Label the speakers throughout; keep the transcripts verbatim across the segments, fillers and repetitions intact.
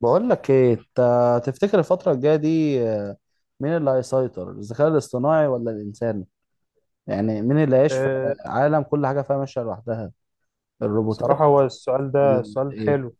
Speaker 1: بقول لك ايه؟ انت تفتكر الفترة الجاية دي، آه، مين اللي هيسيطر، الذكاء الاصطناعي ولا الانسان؟ يعني مين اللي هيعيش في
Speaker 2: آه،
Speaker 1: عالم كل حاجة فيها ماشية لوحدها،
Speaker 2: صراحة
Speaker 1: الروبوتات
Speaker 2: هو السؤال
Speaker 1: ولا
Speaker 2: ده
Speaker 1: ال-
Speaker 2: السؤال
Speaker 1: ايه
Speaker 2: حلو.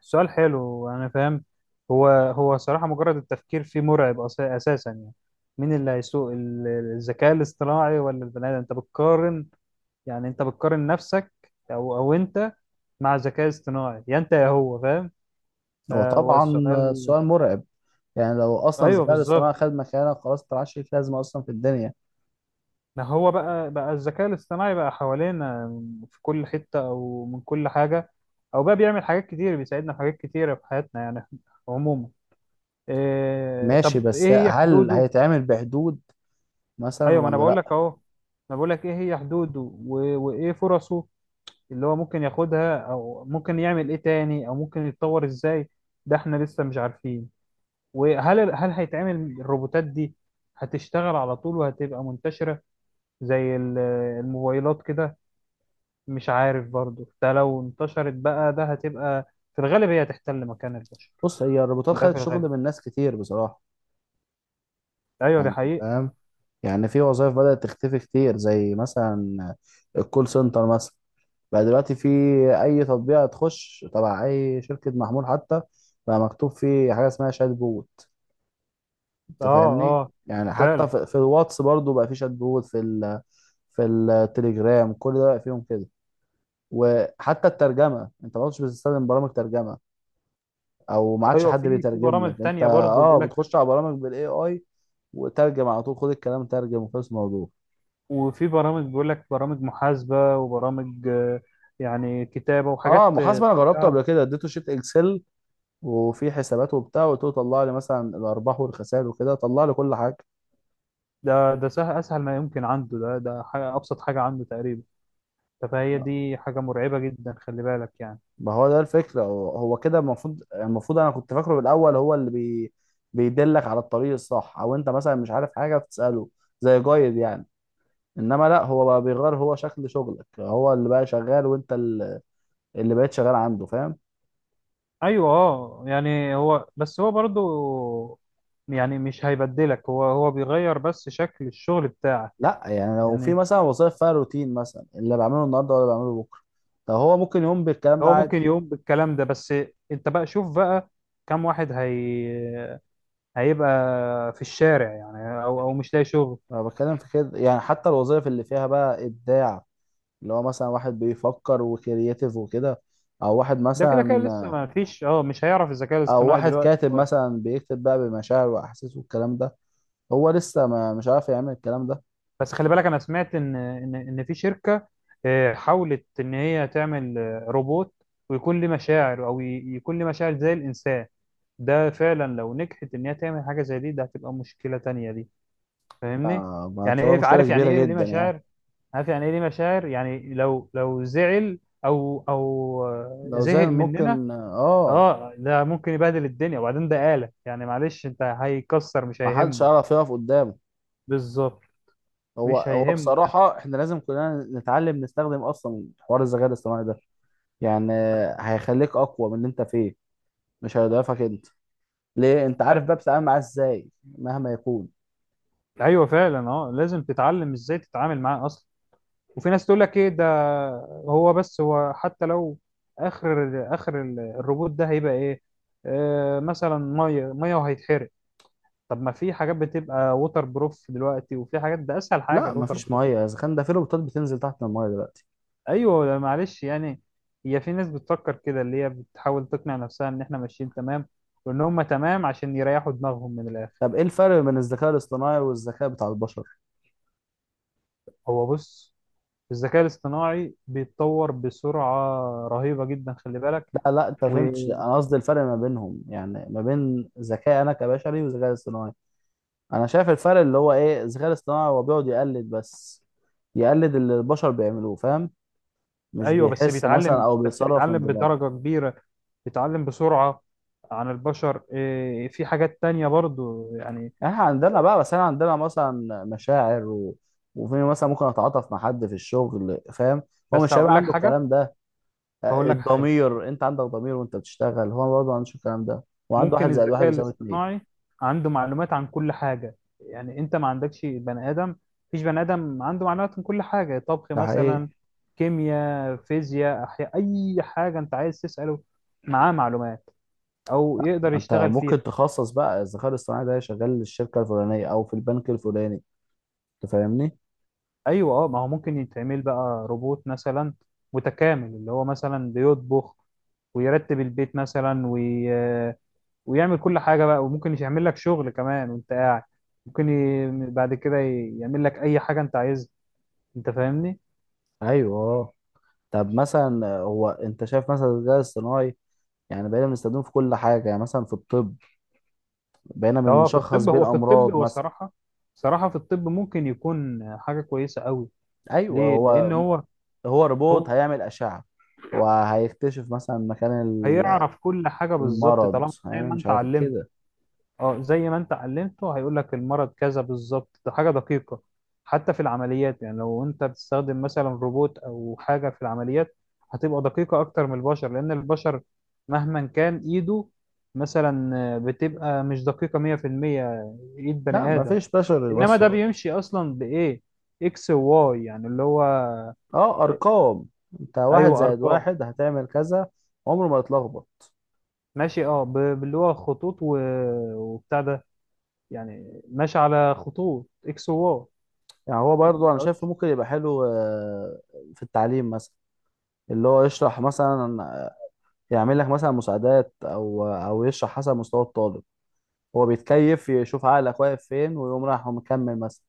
Speaker 2: السؤال حلو، أنا فاهم. هو هو صراحة مجرد التفكير فيه مرعب، أس- أساسا يعني. مين اللي هيسوق ال- الذكاء الاصطناعي ولا البني آدم؟ أنت بتقارن، يعني أنت بتقارن نفسك، أو أو أنت مع ذكاء اصطناعي، يا أنت يا هو، فاهم؟
Speaker 1: هو
Speaker 2: فهو
Speaker 1: طبعا آه،
Speaker 2: السؤال.
Speaker 1: سؤال مرعب. يعني لو اصلا
Speaker 2: أيوه
Speaker 1: الذكاء الاصطناعي
Speaker 2: بالظبط.
Speaker 1: خد مكانك، خلاص انت معكش ليك لازمة اصلا في الدنيا.
Speaker 2: ما هو بقى بقى الذكاء الاصطناعي بقى حوالينا في كل حتة، أو من كل حاجة، أو بقى بيعمل حاجات كتير، بيساعدنا في حاجات كتيرة في حياتنا، يعني عموما. إيه
Speaker 1: ماشي،
Speaker 2: طب ايه
Speaker 1: بس
Speaker 2: هي
Speaker 1: هل
Speaker 2: حدوده؟
Speaker 1: هيتعمل بحدود مثلا
Speaker 2: ايوه ما انا
Speaker 1: ولا
Speaker 2: بقول لك
Speaker 1: لا؟
Speaker 2: اهو، انا بقول لك ايه هي حدوده و- وايه فرصه اللي هو ممكن ياخدها، او ممكن يعمل ايه تاني، او ممكن يتطور ازاي. ده احنا لسه مش عارفين. وهل ال- هل هيتعمل الروبوتات دي، هتشتغل على طول وهتبقى منتشرة زي ال- الموبايلات كده؟ مش عارف. برضو ده لو انتشرت بقى ده هتبقى في الغالب هي هتحتل مكان البشر.
Speaker 1: بص، هي الروبوتات
Speaker 2: ده
Speaker 1: خدت
Speaker 2: في
Speaker 1: شغل
Speaker 2: الغالب.
Speaker 1: من ناس كتير بصراحة.
Speaker 2: ايوه دي
Speaker 1: يعني أنت
Speaker 2: حقيقة.
Speaker 1: فاهم. يعني في وظائف بدأت تختفي كتير، زي مثلا الكول سنتر مثلا. بقى دلوقتي في اي تطبيق تخش تبع اي شركه محمول حتى، بقى مكتوب فيه حاجه اسمها شات بوت.
Speaker 2: اه،
Speaker 1: انت فاهمني؟
Speaker 2: اه،
Speaker 1: يعني حتى
Speaker 2: فعلا.
Speaker 1: في, في الواتس برضو بقى في شات بوت، في ال في التليجرام. كل ده بقى فيهم كده. وحتى الترجمه، انت ما كنتش بتستخدم برامج ترجمه، او ما عادش
Speaker 2: ايوه
Speaker 1: حد
Speaker 2: في في
Speaker 1: بيترجم
Speaker 2: برامج
Speaker 1: لك. انت
Speaker 2: تانية برضه بيقول
Speaker 1: اه
Speaker 2: لك،
Speaker 1: بتخش على برامج بالاي اي وترجم على طول، خد الكلام ترجم وخلص الموضوع.
Speaker 2: وفي برامج بيقول لك، برامج محاسبة، وبرامج آه، يعني كتابة،
Speaker 1: اه،
Speaker 2: وحاجات آه،
Speaker 1: محاسبه انا جربته
Speaker 2: كلها.
Speaker 1: قبل كده، اديته شيت اكسل وفي حسابات وبتاع، وقلت له طلع لي مثلا الارباح والخسائر وكده، طلع لي كل حاجه.
Speaker 2: ده ده سهل، اسهل ما يمكن عنده، ده ده حاجة، ابسط حاجة عنده تقريبا. فهي دي حاجة مرعبة جدا، خلي بالك يعني.
Speaker 1: ما هو ده الفكره، هو هو كده المفروض المفروض انا كنت فاكره بالاول، هو اللي بي بيدلك على الطريق الصح، او انت مثلا مش عارف حاجه بتساله، زي جايد يعني. انما لا، هو بقى بيغير هو شكل شغلك، هو اللي بقى شغال وانت ال- اللي بقيت شغال عنده، فاهم؟
Speaker 2: ايوه اه. يعني هو بس هو برضه يعني مش هيبدلك، هو هو بيغير بس شكل الشغل بتاعك.
Speaker 1: لا يعني، لو في
Speaker 2: يعني
Speaker 1: مثلا وظائف فيها روتين مثلا، اللي بعمله النهارده ولا بعمله بكره، طب هو ممكن يقوم بالكلام ده
Speaker 2: هو
Speaker 1: عادي.
Speaker 2: ممكن يقوم بالكلام ده، بس انت بقى شوف بقى كم واحد هي هيبقى في الشارع، يعني، او او مش لاقي شغل.
Speaker 1: انا بتكلم في كده، يعني حتى الوظائف اللي فيها بقى ابداع، اللي هو مثلا واحد بيفكر وكرياتيف وكده، او واحد
Speaker 2: ده كده كده لسه
Speaker 1: مثلا،
Speaker 2: ما فيش، اه مش هيعرف الذكاء
Speaker 1: او
Speaker 2: الاصطناعي
Speaker 1: واحد
Speaker 2: دلوقتي
Speaker 1: كاتب
Speaker 2: خالص.
Speaker 1: مثلا بيكتب بقى بمشاعر واحاسيس والكلام ده، هو لسه ما مش عارف يعمل الكلام ده.
Speaker 2: بس خلي بالك، انا سمعت ان ان ان في شركة آه، حاولت ان هي تعمل آه، روبوت ويكون له مشاعر، او ي- يكون له مشاعر زي الانسان. ده فعلا لو نجحت ان هي تعمل حاجة زي دي، ده هتبقى مشكلة تانية دي، فاهمني؟
Speaker 1: ما ما
Speaker 2: يعني
Speaker 1: تبقى
Speaker 2: ايه
Speaker 1: مشكلة
Speaker 2: عارف يعني
Speaker 1: كبيرة
Speaker 2: ايه ليه
Speaker 1: جدا يعني.
Speaker 2: مشاعر، عارف يعني ايه ليه مشاعر؟ يعني لو لو زعل، او او آه،
Speaker 1: لو زي
Speaker 2: زهق مننا.
Speaker 1: ممكن، اه.
Speaker 2: اه ده ممكن يبهدل الدنيا، وبعدين ده آلة يعني، معلش، انت هيكسر، مش
Speaker 1: ما حدش
Speaker 2: هيهمه.
Speaker 1: عارف يقف قدامه.
Speaker 2: بالظبط،
Speaker 1: هو
Speaker 2: مش
Speaker 1: هو
Speaker 2: هيهمه
Speaker 1: بصراحة احنا لازم كلنا نتعلم نستخدم اصلا حوار الذكاء الاصطناعي ده. يعني هيخليك اقوى من اللي انت فيه، مش هيضعفك انت. ليه؟ انت عارف
Speaker 2: ده.
Speaker 1: بقى بتتعامل معاه ازاي مهما يكون.
Speaker 2: ايوه فعلا، اه لازم تتعلم ازاي تتعامل معاه اصلا. وفي ناس تقول لك ايه ده، هو بس هو حتى لو اخر اخر ال- الروبوت ده هيبقى ايه؟ آه مثلا ميه ميه وهيتحرق. طب ما في حاجات بتبقى ووتر بروف دلوقتي، وفي حاجات ده اسهل حاجه
Speaker 1: لا،
Speaker 2: الووتر
Speaker 1: مفيش
Speaker 2: بروف.
Speaker 1: ميه، الذكاء ده في روبوتات بتنزل تحت الميه دلوقتي.
Speaker 2: ايوه لا معلش يعني، هي في ناس بتفكر كده، اللي هي بتحاول تقنع نفسها ان احنا ماشيين تمام، وان هم تمام عشان يريحوا دماغهم من الاخر.
Speaker 1: طب ايه الفرق بين الذكاء الاصطناعي والذكاء بتاع البشر؟
Speaker 2: هو بص، الذكاء الاصطناعي بيتطور بسرعة رهيبة جدا، خلي بالك.
Speaker 1: لا لا، انت فهمتش، انا قصدي الفرق ما بينهم، يعني ما بين ذكاء انا كبشري وذكاء اصطناعي. انا شايف الفرق اللي هو ايه، الذكاء الاصطناعي هو بيقعد يقلد بس، يقلد اللي البشر بيعملوه، فاهم؟ مش
Speaker 2: وايوه بس
Speaker 1: بيحس مثلا
Speaker 2: بيتعلم،
Speaker 1: او
Speaker 2: بس
Speaker 1: بيتصرف من
Speaker 2: بيتعلم
Speaker 1: دماغه.
Speaker 2: بدرجة كبيرة، بيتعلم بسرعة عن البشر. إيه، في حاجات تانية برضو يعني.
Speaker 1: احنا عندنا بقى، بس انا عندنا مثلا مشاعر و... وفي مثلا ممكن اتعاطف مع حد في الشغل، فاهم؟ هو
Speaker 2: بس
Speaker 1: مش
Speaker 2: هقول
Speaker 1: هيبقى
Speaker 2: لك
Speaker 1: عنده
Speaker 2: حاجة.
Speaker 1: الكلام ده.
Speaker 2: هقول
Speaker 1: آه،
Speaker 2: لك حاجة،
Speaker 1: الضمير، انت عندك ضمير وانت بتشتغل، هو برضه ما عندوش الكلام ده. وعنده واحد
Speaker 2: ممكن
Speaker 1: زائد واحد
Speaker 2: الذكاء
Speaker 1: بيساوي اتنين.
Speaker 2: الاصطناعي عنده معلومات عن كل حاجة، يعني انت ما عندكش بني ادم، مفيش بني ادم عنده معلومات عن كل حاجة. طبخ
Speaker 1: ده
Speaker 2: مثلا،
Speaker 1: حقيقي.
Speaker 2: كيمياء، فيزياء، احياء، اي حاجة انت عايز تسأله معاه معلومات، او
Speaker 1: ما
Speaker 2: يقدر
Speaker 1: انت
Speaker 2: يشتغل فيها.
Speaker 1: ممكن تخصص بقى الذكاء الاصطناعي ده شغال للشركه الفلانيه او في البنك الفلاني. انت فاهمني؟
Speaker 2: ايوه اه، ما هو ممكن يتعمل بقى روبوت مثلا متكامل، اللي هو مثلا بيطبخ ويرتب البيت مثلا، وي... ويعمل كل حاجة بقى، وممكن يعمل لك شغل كمان وانت قاعد. ممكن ي... بعد كده ي- يعمل لك اي حاجة انت عايزها، انت فاهمني؟
Speaker 1: ايوه، طب مثلا آه، هو انت شايف مثلا الذكاء الاصطناعي، يعني بقينا بنستخدمه في كل حاجه، يعني مثلا في الطب بقينا
Speaker 2: لو هو في
Speaker 1: بنشخص
Speaker 2: الطب
Speaker 1: بين
Speaker 2: هو في الطب
Speaker 1: امراض
Speaker 2: هو
Speaker 1: مثلا.
Speaker 2: صراحة، صراحة في الطب ممكن يكون حاجة كويسة قوي.
Speaker 1: ايوه
Speaker 2: ليه؟ لان
Speaker 1: هو
Speaker 2: هو
Speaker 1: هو روبوت
Speaker 2: هو
Speaker 1: هيعمل اشعه، وهيكتشف مثلا مكان ال-
Speaker 2: هيعرف كل حاجة بالظبط
Speaker 1: المرض،
Speaker 2: طالما زي
Speaker 1: هيعمل
Speaker 2: ما
Speaker 1: مش
Speaker 2: انت
Speaker 1: عارف
Speaker 2: علمت.
Speaker 1: كده.
Speaker 2: اه زي ما انت علمته هيقول لك المرض كذا بالظبط، ده حاجة دقيقة. حتى في العمليات، يعني لو انت بتستخدم مثلا روبوت او حاجة في العمليات، هتبقى دقيقة اكتر من البشر، لان البشر مهما كان ايده مثلا بتبقى مش دقيقة مية في المية. ايد
Speaker 1: لا
Speaker 2: بني
Speaker 1: ما
Speaker 2: آدم،
Speaker 1: فيش بشر
Speaker 2: انما ده
Speaker 1: يوصل.
Speaker 2: بيمشي اصلا بايه؟ اكس وواي، يعني اللي هو.
Speaker 1: اه، ارقام. انت واحد
Speaker 2: ايوه
Speaker 1: زائد
Speaker 2: ارقام.
Speaker 1: واحد هتعمل كذا، عمره ما يتلخبط.
Speaker 2: ماشي اه، ب- باللي هو خطوط و... وبتاع ده، يعني ماشي على خطوط اكس وواي.
Speaker 1: يعني هو برضو انا شايفه
Speaker 2: متقدرش-
Speaker 1: ممكن يبقى حلو آه، في التعليم مثلا، اللي هو يشرح مثلا، آه، يعمل لك مثلا مساعدات، او آه، او يشرح حسب مستوى الطالب. هو بيتكيف، يشوف عقلك واقف فين ويقوم رايح ومكمل مثلا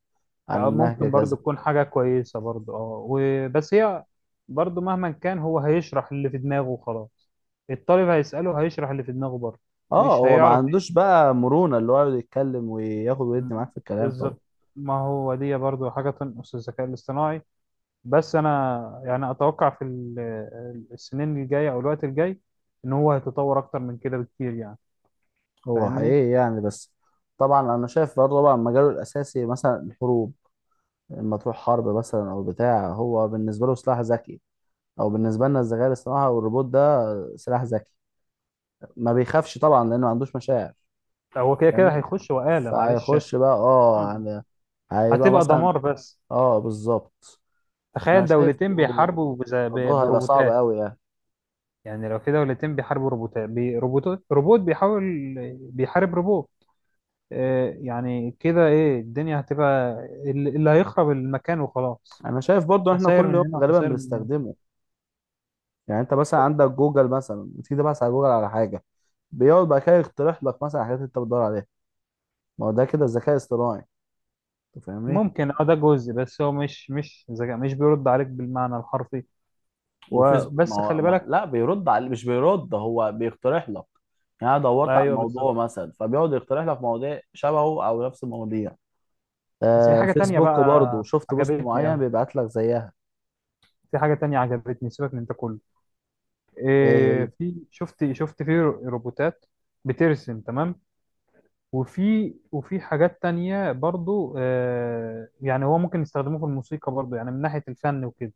Speaker 1: عن
Speaker 2: لا،
Speaker 1: النهج
Speaker 2: ممكن برضو
Speaker 1: كذا.
Speaker 2: تكون حاجة كويسة برضو اه، وبس هي برضو مهما كان هو هيشرح اللي في دماغه وخلاص، الطالب هيسأله هيشرح اللي في دماغه برضو،
Speaker 1: اه،
Speaker 2: مش
Speaker 1: هو ما
Speaker 2: هيعرف إيه.
Speaker 1: عندوش بقى مرونة، اللي هو يقعد يتكلم وياخد
Speaker 2: مم.
Speaker 1: ويدي معاك في الكلام طبعا.
Speaker 2: بالظبط، ما هو دي برضو حاجة تنقص الذكاء الاصطناعي. بس انا يعني اتوقع في ال- السنين الجايه او الوقت الجاي ان هو هيتطور اكتر من كده بكتير، يعني
Speaker 1: هو
Speaker 2: فاهمني؟
Speaker 1: حقيقي يعني، بس طبعا انا شايف برضه طبعا مجاله الاساسي مثلا الحروب. لما تروح حرب مثلا او بتاع، هو بالنسبه له سلاح ذكي، او بالنسبه لنا الذكاء الاصطناعي والروبوت ده سلاح ذكي. ما بيخافش طبعا لانه ما عندوش مشاعر،
Speaker 2: هو كده كده
Speaker 1: فاهمني؟
Speaker 2: هيخش وآلة، معلش.
Speaker 1: فهيخش بقى اه
Speaker 2: آه.
Speaker 1: يعني، هيبقى
Speaker 2: هتبقى
Speaker 1: مثلا.
Speaker 2: دمار بس.
Speaker 1: اه بالظبط. انا
Speaker 2: تخيل
Speaker 1: شايف
Speaker 2: دولتين بيحاربوا بز- ب-
Speaker 1: الموضوع هيبقى صعب
Speaker 2: بروبوتات.
Speaker 1: قوي يعني.
Speaker 2: يعني لو في دولتين بيحاربوا روبوتات، بي- روبوتات، روبوت بيحاول، بيحارب روبوت، آه، يعني كده ايه الدنيا هتبقى؟ اللي اللي هيخرب المكان وخلاص.
Speaker 1: انا شايف برضو احنا
Speaker 2: خسائر
Speaker 1: كل
Speaker 2: من
Speaker 1: يوم
Speaker 2: هنا
Speaker 1: غالبا
Speaker 2: وخسائر من هنا.
Speaker 1: بنستخدمه. يعني انت مثلا عندك جوجل مثلا، بتيجي تبحث على جوجل على حاجه، بيقعد بقى كده يقترح لك مثلا حاجات انت بتدور عليها. ما هو ده كده الذكاء الاصطناعي. أنت فاهمني؟
Speaker 2: ممكن اه، ده جزء، بس هو مش مش ذكاء، مش بيرد عليك بالمعنى الحرفي،
Speaker 1: وفيسبوك، ما
Speaker 2: وبس
Speaker 1: هو
Speaker 2: خلي
Speaker 1: ما
Speaker 2: بالك.
Speaker 1: لا بيرد على، مش بيرد، هو بيقترح لك. يعني انا دورت على
Speaker 2: ايوه
Speaker 1: الموضوع
Speaker 2: بالظبط.
Speaker 1: مثلا، فبيقعد يقترح لك مواضيع شبهه او نفس المواضيع.
Speaker 2: بس في
Speaker 1: آه
Speaker 2: حاجه تانية
Speaker 1: فيسبوك برضو،
Speaker 2: بقى
Speaker 1: شفت بوست
Speaker 2: عجبتني
Speaker 1: معين
Speaker 2: قوي،
Speaker 1: بيبعت لك زيها.
Speaker 2: في حاجه تانية عجبتني، سيبك من ده كله.
Speaker 1: ايه
Speaker 2: إيه
Speaker 1: هي؟
Speaker 2: في، شفت شفت في رو- روبوتات بترسم تمام. وفي وفي حاجات تانية برضو آه، يعني هو ممكن يستخدموه في الموسيقى برضو، يعني من ناحيه الفن وكده.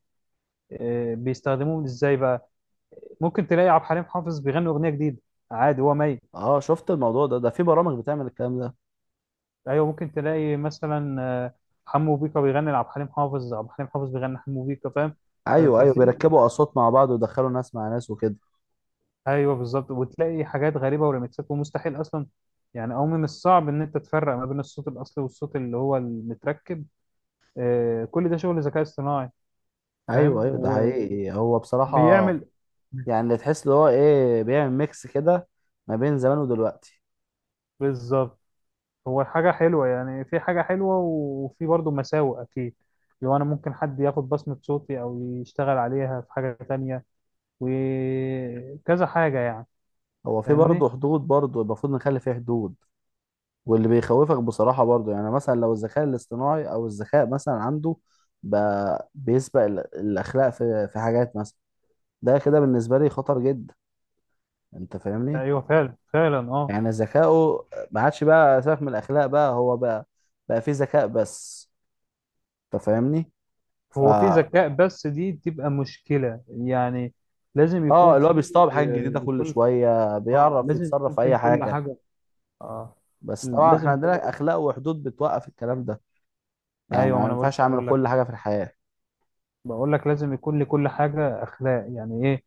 Speaker 2: آه بيستخدموه ازاي بقى؟ ممكن تلاقي عبد الحليم حافظ بيغني اغنيه جديده، عادي، هو ميت.
Speaker 1: اه، شفت الموضوع ده، ده في برامج بتعمل الكلام ده.
Speaker 2: ايوه ممكن تلاقي مثلا آه، حمو بيكا بيغني لعبد الحليم حافظ، عبد الحليم حافظ بيغني حمو بيكا، فاهم؟ ف-
Speaker 1: ايوه ايوه،
Speaker 2: ففي
Speaker 1: بيركبوا اصوات مع بعض ويدخلوا ناس مع ناس وكده.
Speaker 2: ايوه بالظبط، وتلاقي حاجات غريبه، وريمكسات ومستحيل اصلا، يعني او من الصعب ان انت تفرق ما بين الصوت الاصلي والصوت اللي هو المتركب. آه، كل ده شغل ذكاء اصطناعي، فاهم؟
Speaker 1: ايوه ايوه، ده حقيقي هو بصراحة.
Speaker 2: وبيعمل
Speaker 1: يعني اللي تحس اللي هو ايه، بيعمل ميكس كده ما بين زمان ودلوقتي.
Speaker 2: بالظبط. هو حاجه حلوه، يعني في حاجه حلوه، وفي برضه مساوئ اكيد. لو انا ممكن حد ياخد بصمه صوتي او يشتغل عليها في حاجه تانية، وكذا حاجة يعني،
Speaker 1: هو في
Speaker 2: فاهمني؟
Speaker 1: برضه حدود، برضه المفروض نخلي فيه حدود. واللي بيخوفك بصراحة برضو يعني، مثلا لو الذكاء الاصطناعي أو الذكاء مثلا عنده بقى بيسبق ال- الأخلاق في في حاجات مثلا، ده كده بالنسبة لي خطر جدا. أنت فاهمني؟
Speaker 2: أيوه فعلا فعلا أه.
Speaker 1: يعني ذكاؤه ما عادش بقى سبب من الأخلاق، بقى هو بقى بقى فيه ذكاء بس. أنت فاهمني؟
Speaker 2: هو في
Speaker 1: فا
Speaker 2: ذكاء بس، دي بتبقى مشكلة يعني، لازم
Speaker 1: آه
Speaker 2: يكون
Speaker 1: اللي هو
Speaker 2: في
Speaker 1: بيستوعب حاجة
Speaker 2: آه،
Speaker 1: جديدة كل
Speaker 2: لكل،
Speaker 1: شوية،
Speaker 2: أه
Speaker 1: بيعرف
Speaker 2: لازم
Speaker 1: يتصرف
Speaker 2: يكون
Speaker 1: في
Speaker 2: في
Speaker 1: أي
Speaker 2: لكل
Speaker 1: حاجة.
Speaker 2: حاجة، أه
Speaker 1: بس طبعا إحنا
Speaker 2: لازم يكون.
Speaker 1: عندنا أخلاق وحدود بتوقف الكلام ده، يعني
Speaker 2: أيوه ما
Speaker 1: ما
Speaker 2: أنا بقول-
Speaker 1: ينفعش
Speaker 2: لسه
Speaker 1: أعمل
Speaker 2: بقول لك
Speaker 1: كل
Speaker 2: أهو.
Speaker 1: حاجة في الحياة.
Speaker 2: بقول لك لازم يكون لكل حاجة أخلاق، يعني إيه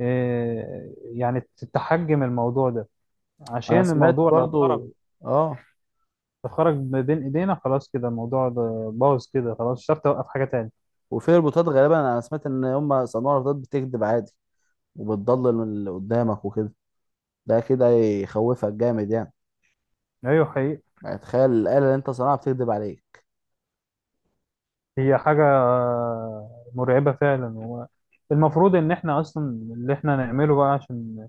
Speaker 2: آه، يعني تتحجم الموضوع ده،
Speaker 1: أنا
Speaker 2: عشان
Speaker 1: سمعت
Speaker 2: الموضوع لو
Speaker 1: برضو
Speaker 2: خرج،
Speaker 1: آه
Speaker 2: خرج ما بين إيدينا خلاص كده، الموضوع ده باظ كده خلاص، مش هتعرف توقف حاجة تاني.
Speaker 1: وفي ربوتات غالبا، انا سمعت ان هم صناع ربوتات بتكذب عادي، وبتضلل من اللي قدامك وكده. ده كده يخوفك جامد يعني،
Speaker 2: أيوه حقيقي،
Speaker 1: يعني تخيل الآلة اللي انت صنعها بتكذب عليك.
Speaker 2: هي حاجة مرعبة فعلا. هو المفروض إن إحنا أصلا اللي إحنا نعمله بقى عشان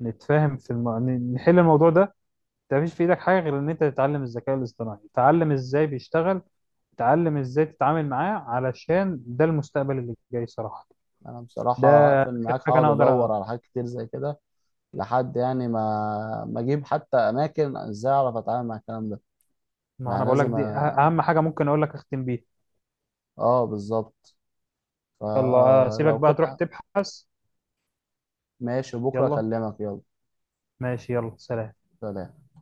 Speaker 2: نتفاهم في الم... ن- نحل الموضوع ده، أنت مفيش في إيدك حاجة غير إن أنت تتعلم الذكاء الاصطناعي، تتعلم إزاي بيشتغل، تتعلم إزاي تتعامل معاه، علشان ده المستقبل اللي جاي صراحة.
Speaker 1: انا
Speaker 2: ده
Speaker 1: بصراحة هقفل
Speaker 2: آخر
Speaker 1: معاك،
Speaker 2: حاجة
Speaker 1: هقعد
Speaker 2: أنا أقدر
Speaker 1: ادور
Speaker 2: أ...
Speaker 1: على حاجات كتير زي كده، لحد يعني ما ما اجيب حتى اماكن ازاي اعرف اتعامل مع الكلام ده.
Speaker 2: ما أنا
Speaker 1: يعني
Speaker 2: بقول لك
Speaker 1: لازم
Speaker 2: دي أه-
Speaker 1: أ...
Speaker 2: أهم حاجة ممكن أقول لك أختم بيها.
Speaker 1: اه بالظبط.
Speaker 2: يلا أسيبك
Speaker 1: فلو
Speaker 2: بقى تروح
Speaker 1: كده،
Speaker 2: تبحث.
Speaker 1: ماشي بكرة
Speaker 2: يلا
Speaker 1: اكلمك. يلا
Speaker 2: ماشي، يلا سلام.
Speaker 1: سلام.